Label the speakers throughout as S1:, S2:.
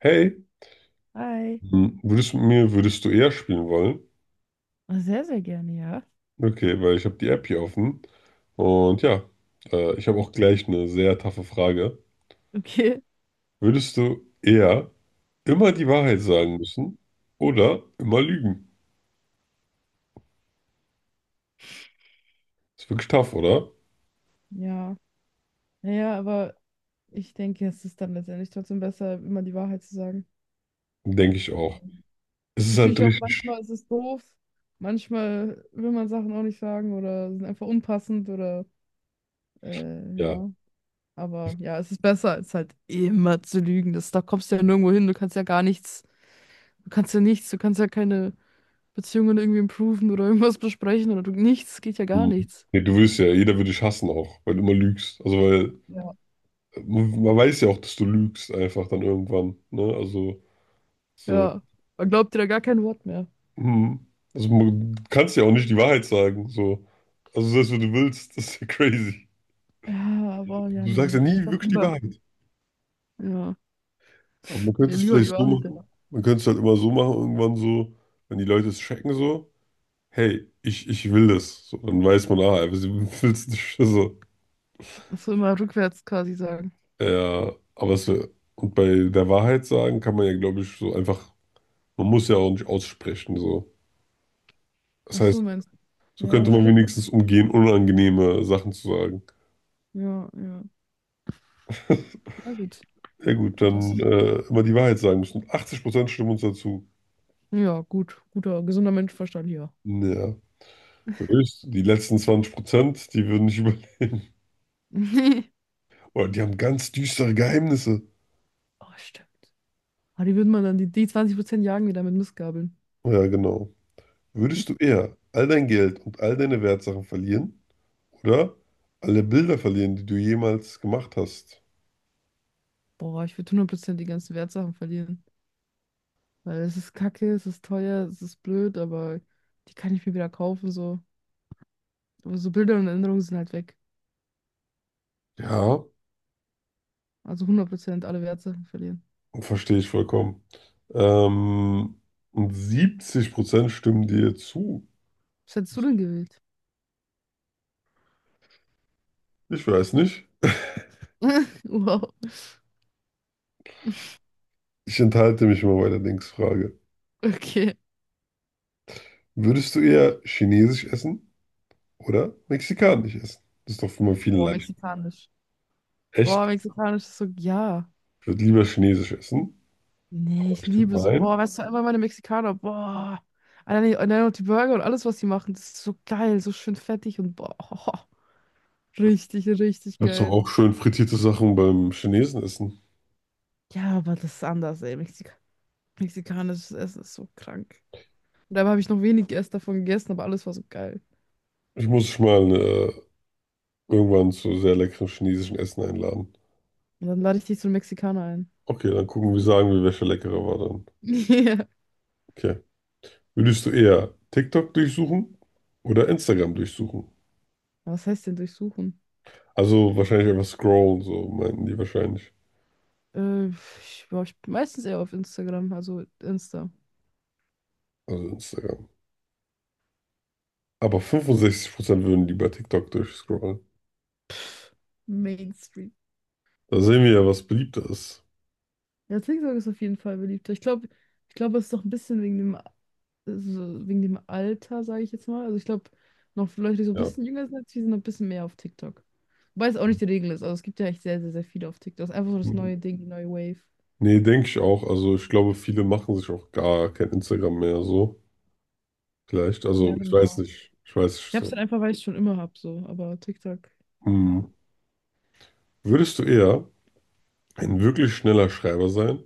S1: Hey,
S2: Hi.
S1: würdest du eher spielen wollen?
S2: Sehr, sehr gerne, ja.
S1: Okay, weil ich habe die App hier offen. Und ja, ich habe auch gleich eine sehr taffe Frage.
S2: Okay.
S1: Würdest du eher immer die Wahrheit sagen müssen oder immer lügen? Ist wirklich tough, oder?
S2: Ja. Naja, aber ich denke, es ist dann letztendlich trotzdem besser, immer die Wahrheit zu sagen.
S1: Denke ich auch. Es
S2: Ist
S1: ist halt
S2: natürlich auch
S1: richtig,
S2: manchmal ist es doof. Manchmal will man Sachen auch nicht sagen oder sind einfach unpassend oder äh,
S1: ja.
S2: ja. Aber ja, es ist besser, als halt immer zu lügen. Das, da kommst du ja nirgendwo hin. Du kannst ja gar nichts. Du kannst ja nichts. Du kannst ja keine Beziehungen irgendwie improven oder irgendwas besprechen oder du, nichts. Geht ja gar
S1: Hm.
S2: nichts.
S1: Nee, du würdest ja, jeder würde dich hassen auch, weil du immer lügst. Also weil
S2: Ja.
S1: man weiß ja auch, dass du lügst einfach dann irgendwann. Ne? Also
S2: Ja.
S1: so.
S2: Man glaubt dir da gar kein Wort mehr.
S1: Hm. Du kannst ja auch nicht die Wahrheit sagen. So. Also selbst wenn du willst, das ist ja crazy.
S2: Ja, aber ja,
S1: Du sagst ja
S2: nee. Ich
S1: nie
S2: glaube Mhm.
S1: wirklich die
S2: lieber.
S1: Wahrheit.
S2: Ja.
S1: Aber man könnte
S2: Nee,
S1: es
S2: lieber die
S1: vielleicht so
S2: Wahrheit. Ja.
S1: machen. Man könnte es halt immer so machen, irgendwann so, wenn die Leute es checken, so, hey, ich will das. So, dann weiß man, ah, er will es nicht. So.
S2: Das soll immer rückwärts quasi sagen.
S1: Ja, aber es, wär- und bei der Wahrheit sagen kann man ja, glaube ich, so einfach, man muss ja auch nicht aussprechen. So. Das
S2: Ach so,
S1: heißt,
S2: meinst du?
S1: so
S2: Ja,
S1: könnte man
S2: stimmt.
S1: wenigstens umgehen, unangenehme Sachen zu sagen.
S2: Ja, ja. Ja, gut.
S1: Ja gut, dann
S2: Interessant.
S1: immer die Wahrheit sagen müssen. 80% stimmen uns dazu.
S2: Ja, gut. Guter, gesunder Menschenverstand hier.
S1: Ja, höchst. Die letzten 20%, die würden nicht überleben. Oder die haben ganz düstere Geheimnisse.
S2: Oh, stimmt. Aber die würden man dann, die, die 20% jagen wieder mit Mistgabeln.
S1: Oh ja, genau. Würdest du eher all dein Geld und all deine Wertsachen verlieren oder alle Bilder verlieren, die du jemals gemacht hast?
S2: Boah, ich würde hundert Prozent die ganzen Wertsachen verlieren. Weil es ist kacke, es ist teuer, es ist blöd, aber die kann ich mir wieder kaufen, so. Aber so Bilder und Erinnerungen sind halt weg.
S1: Ja,
S2: Also 100% alle Wertsachen verlieren.
S1: verstehe ich vollkommen. Ähm, und 70% stimmen dir zu.
S2: Was hättest du denn gewählt?
S1: Ich weiß nicht.
S2: Wow,
S1: Ich enthalte mich immer bei der Linksfrage.
S2: okay.
S1: Würdest du eher Chinesisch essen? Oder mexikanisch essen. Das ist doch immer viel
S2: Boah,
S1: leicht.
S2: mexikanisch. Boah,
S1: Echt?
S2: mexikanisch ist so, ja.
S1: Ich würde lieber chinesisch essen.
S2: Nee,
S1: Aber
S2: ich
S1: ich tippe
S2: liebe
S1: mal
S2: so, boah,
S1: ein.
S2: weißt du, einfach meine Mexikaner, boah. Allein, allein auch die Burger und alles, was sie machen, das ist so geil, so schön fettig und boah, richtig, richtig
S1: Das doch
S2: geil.
S1: auch schön frittierte Sachen beim Chinesen essen.
S2: Ja, aber das ist anders, ey. Mexikanisches Essen ist so krank. Und dabei habe ich noch wenig erst davon gegessen, aber alles war so geil.
S1: Ich muss dich mal irgendwann zu sehr leckerem chinesischen Essen einladen.
S2: Und dann lade ich dich zu einem Mexikaner ein.
S1: Okay, dann gucken wir, sagen wir, welcher leckerer war dann.
S2: Ja.
S1: Okay. Würdest du eher TikTok durchsuchen oder Instagram durchsuchen?
S2: Was heißt denn durchsuchen?
S1: Also wahrscheinlich einfach scrollen, so meinten die wahrscheinlich.
S2: Ich war ich meistens eher auf Instagram, also Insta.
S1: Also Instagram. Aber 65% würden lieber TikTok durchscrollen.
S2: Mainstream.
S1: Da sehen wir ja, was beliebter ist.
S2: Ja, TikTok ist auf jeden Fall beliebter. Ich glaube, es ist doch ein bisschen wegen dem, also wegen dem Alter, sage ich jetzt mal. Also ich glaube, noch Leute, die so ein
S1: Ja.
S2: bisschen jünger sind als wir, sind noch ein bisschen mehr auf TikTok. Wobei es auch nicht die Regel ist. Also es gibt ja echt sehr, sehr, sehr viele auf TikTok. Es ist einfach so das neue Ding, die neue Wave.
S1: Nee, denke ich auch. Also ich glaube, viele machen sich auch gar kein Instagram mehr so. Vielleicht.
S2: Ja,
S1: Also ich weiß
S2: genau.
S1: nicht. Ich weiß nicht
S2: Ich habe es
S1: so.
S2: dann einfach, weil ich es schon immer habe, so. Aber TikTok,
S1: Hm.
S2: ja.
S1: Würdest du eher ein wirklich schneller Schreiber sein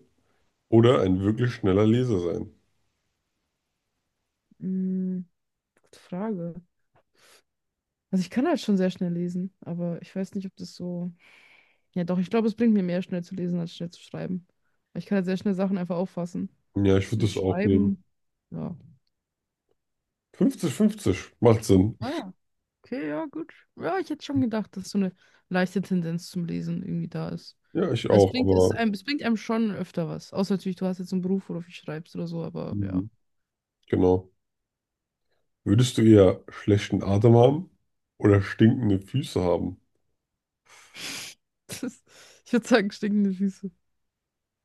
S1: oder ein wirklich schneller Leser sein?
S2: Mm, gute Frage. Also ich kann halt schon sehr schnell lesen, aber ich weiß nicht, ob das so. Ja, doch, ich glaube, es bringt mir mehr, schnell zu lesen, als schnell zu schreiben. Weil ich kann ja sehr schnell Sachen einfach auffassen.
S1: Ja, ich
S2: Und
S1: würde
S2: so
S1: das auch nehmen.
S2: schreiben, ja.
S1: 50:50 macht Sinn.
S2: Ah ja. Okay, ja, gut. Ja, ich hätte schon gedacht, dass so eine leichte Tendenz zum Lesen irgendwie da ist.
S1: Ja, ich
S2: Weil es
S1: auch,
S2: bringt, es
S1: aber
S2: einem, es bringt einem schon öfter was. Außer natürlich, du hast jetzt einen Beruf, wo du viel schreibst oder so, aber ja.
S1: mhm. Genau. Würdest du eher schlechten Atem haben oder stinkende Füße haben?
S2: Das, ich würde sagen, stinkende Füße.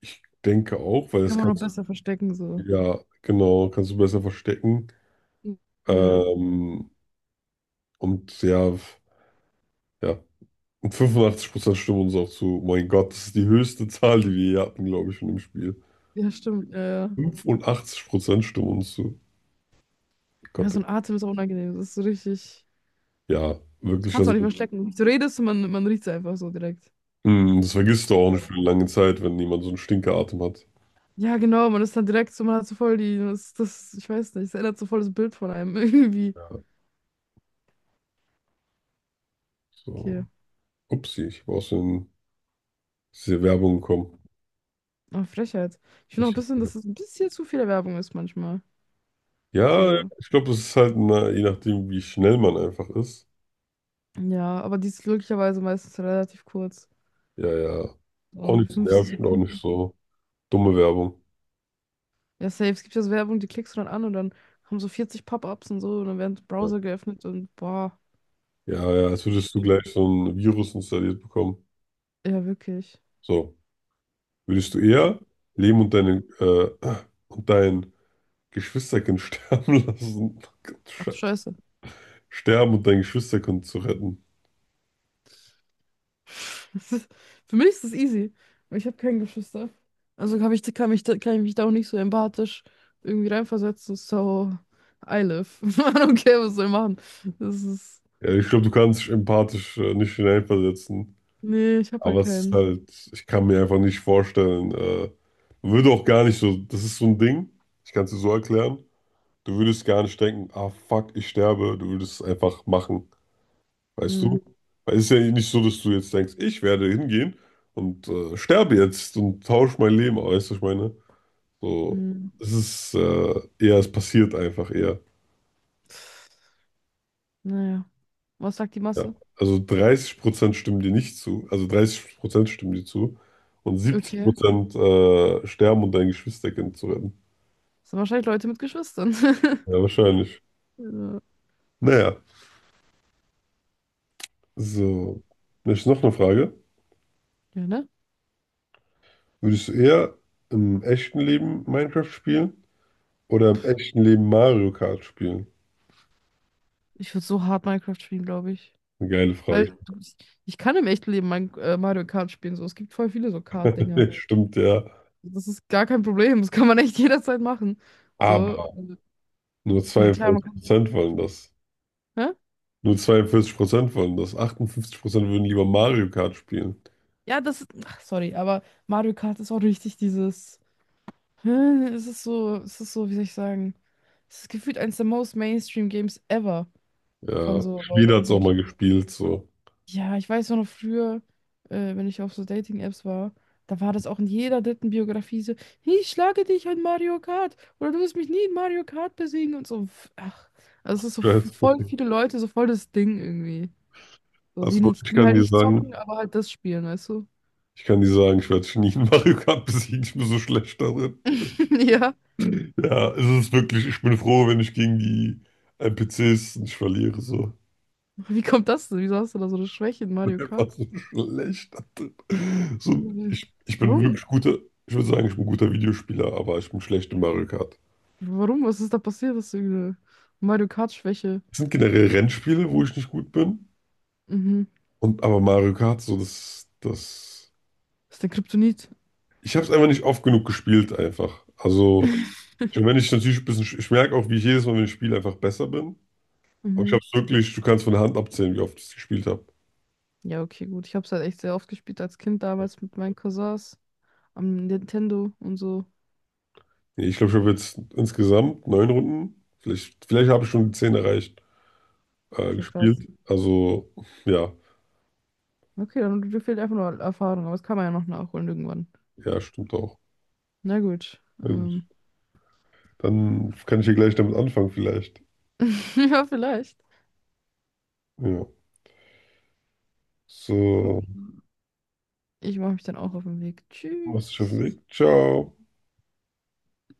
S1: Ich denke auch, weil
S2: Kann
S1: das
S2: man noch
S1: kannst
S2: besser verstecken,
S1: du,
S2: so.
S1: ja, genau, kannst du besser verstecken.
S2: Ja,
S1: Ähm, Und ja, ja. Und 85% stimmen uns auch zu. Mein Gott, das ist die höchste Zahl, die wir hier hatten, glaube ich, von dem Spiel.
S2: ja, stimmt. Ja, ja.
S1: 85% stimmen uns zu.
S2: Ja,
S1: Gott,
S2: so ein Atem ist auch unangenehm. Das ist so richtig.
S1: ja, wirklich,
S2: Kannst du
S1: also,
S2: auch nicht verstecken. Du redest und man riecht es einfach so direkt.
S1: das vergisst du auch nicht für
S2: So.
S1: eine lange Zeit, wenn jemand so einen Stinkeratem hat.
S2: Ja, genau, man ist dann direkt so, man hat so voll die, das, das, ich weiß nicht, es ändert so voll das Bild von einem irgendwie.
S1: Ja,
S2: Okay,
S1: so. Upsi, ich war aus den- Diese Werbung gekommen.
S2: aber Frechheit. Ich finde auch ein
S1: Ich,
S2: bisschen, dass es ein bisschen zu viel Werbung ist manchmal.
S1: ja,
S2: So,
S1: ich glaube, das ist halt, na, je nachdem, wie schnell man einfach ist.
S2: ja, aber die ist glücklicherweise meistens relativ kurz.
S1: Ja, ja.
S2: So
S1: Auch
S2: um die
S1: nicht
S2: 15
S1: nerven, auch nicht
S2: Sekunden.
S1: so dumme Werbung.
S2: Ja, safe, es gibt ja so Werbung, die klickst du dann an und dann haben so 40 Pop-ups und so und dann werden
S1: Ja.
S2: Browser geöffnet und boah,
S1: Ja, ja, als
S2: das ist
S1: würdest du gleich
S2: schlimm.
S1: so ein Virus installiert bekommen.
S2: Ja, wirklich.
S1: So, würdest du eher Leben und dein Geschwisterkind sterben lassen,
S2: Ach du
S1: Sche-
S2: Scheiße.
S1: sterben und dein Geschwisterkind zu retten?
S2: Das ist, für mich ist das easy, weil ich habe keine Geschwister. Also kann ich, kann mich, kann ich mich da auch nicht so empathisch irgendwie reinversetzen. So, I live. I don't care, was soll ich machen. Das ist.
S1: Ja, ich glaube, du kannst dich empathisch nicht hineinversetzen,
S2: Nee, ich habe
S1: aber
S2: halt
S1: es ist
S2: keinen.
S1: halt, ich kann mir einfach nicht vorstellen, man würde auch gar nicht so, das ist so ein Ding, ich kann es dir so erklären, du würdest gar nicht denken, ah fuck, ich sterbe, du würdest es einfach machen. Weißt
S2: Mm,
S1: du? Weil es ist ja nicht so, dass du jetzt denkst, ich werde hingehen und sterbe jetzt und tausche mein Leben aus, weißt du, was ich meine? So,
S2: mm.
S1: es ist eher, es passiert einfach eher.
S2: Naja. Was sagt die
S1: Ja.
S2: Masse?
S1: Also 30% stimmen dir nicht zu, also 30% stimmen dir zu und
S2: Okay.
S1: 70% sterben, um dein Geschwisterkind zu retten.
S2: Das sind wahrscheinlich Leute mit Geschwistern.
S1: Ja, wahrscheinlich.
S2: Ja,
S1: Naja, so. Dann ist noch eine Frage.
S2: Ja, ne?
S1: Würdest du eher im echten Leben Minecraft spielen oder im echten Leben Mario Kart spielen?
S2: Ich würde so hart Minecraft spielen, glaube ich.
S1: Eine geile Frage.
S2: Weil du- ich kann im echten Leben Mario Kart spielen. So. Es gibt voll viele so Kart-Dinger.
S1: Stimmt ja.
S2: Das ist gar kein Problem. Das kann man echt jederzeit machen. So,
S1: Aber nur
S2: ja klar, man
S1: zweiundvierzig
S2: kann.
S1: Prozent wollen das.
S2: Hä?
S1: Nur 42% wollen das. 58% würden lieber Mario Kart spielen.
S2: Ja, das. Ach, sorry, aber Mario Kart ist auch richtig dieses. Hä? Es ist so, wie soll ich sagen? Es ist gefühlt eines der most Mainstream Games ever von
S1: Ja,
S2: so
S1: jeder hat
S2: Leuten.
S1: es auch
S2: So.
S1: mal gespielt, so.
S2: Ja, ich weiß auch noch früher, wenn ich auf so Dating-Apps war, da war das auch in jeder dritten Biografie so, ich schlage dich in Mario Kart oder du wirst mich nie in Mario Kart besiegen und so. Ach, also es ist so
S1: Stress.
S2: voll viele Leute, so voll das Ding irgendwie. So, die
S1: Also
S2: nicht,
S1: ich
S2: die
S1: kann
S2: halt
S1: dir
S2: nicht zocken,
S1: sagen,
S2: aber halt das spielen, weißt du?
S1: ich kann dir sagen, ich werde dich nie in Mario Kart besiegen, ich bin so schlecht darin.
S2: Ja.
S1: Ja, es ist wirklich, ich bin froh, wenn ich gegen die NPCs nicht verliere, so.
S2: Wie kommt das denn? Wieso hast du da so eine Schwäche in
S1: Ich
S2: Mario
S1: bin einfach
S2: Kart?
S1: so schlecht darin. So,
S2: Mhm.
S1: ich bin
S2: Warum?
S1: wirklich guter, ich würde sagen, ich bin ein guter Videospieler, aber ich bin schlecht in Mario Kart.
S2: Warum? Was ist da passiert? Hast du eine Mario Kart-Schwäche?
S1: Es sind generell Rennspiele, wo ich nicht gut bin.
S2: Mhm.
S1: Und aber Mario Kart, so das, das.
S2: Das ist der Kryptonit.
S1: Ich habe es einfach nicht oft genug gespielt, einfach. Also, schon wenn ich natürlich ein bisschen, ich merke auch, wie ich jedes Mal, wenn ich spiele, einfach besser bin. Aber ich habe
S2: Mhm.
S1: es wirklich, du kannst von der Hand abzählen, wie oft ich es gespielt habe.
S2: Ja, okay, gut. Ich habe es halt echt sehr oft gespielt als Kind damals mit meinen Cousins am Nintendo und so.
S1: Nee, ich glaube, ich habe jetzt insgesamt neun Runden, vielleicht habe ich schon die 10 erreicht,
S2: Okay, krass.
S1: gespielt. Also, ja,
S2: Okay, dann dir fehlt einfach nur Erfahrung, aber das kann man ja noch nachholen irgendwann.
S1: ja, stimmt auch.
S2: Na gut.
S1: Na gut.
S2: Ähm.
S1: Dann kann ich hier gleich damit anfangen, vielleicht.
S2: Ja, vielleicht.
S1: Ja.
S2: Okay.
S1: So,
S2: Ich mache mich dann auch auf den Weg.
S1: machst dich auf den
S2: Tschüss.
S1: Weg. Ciao.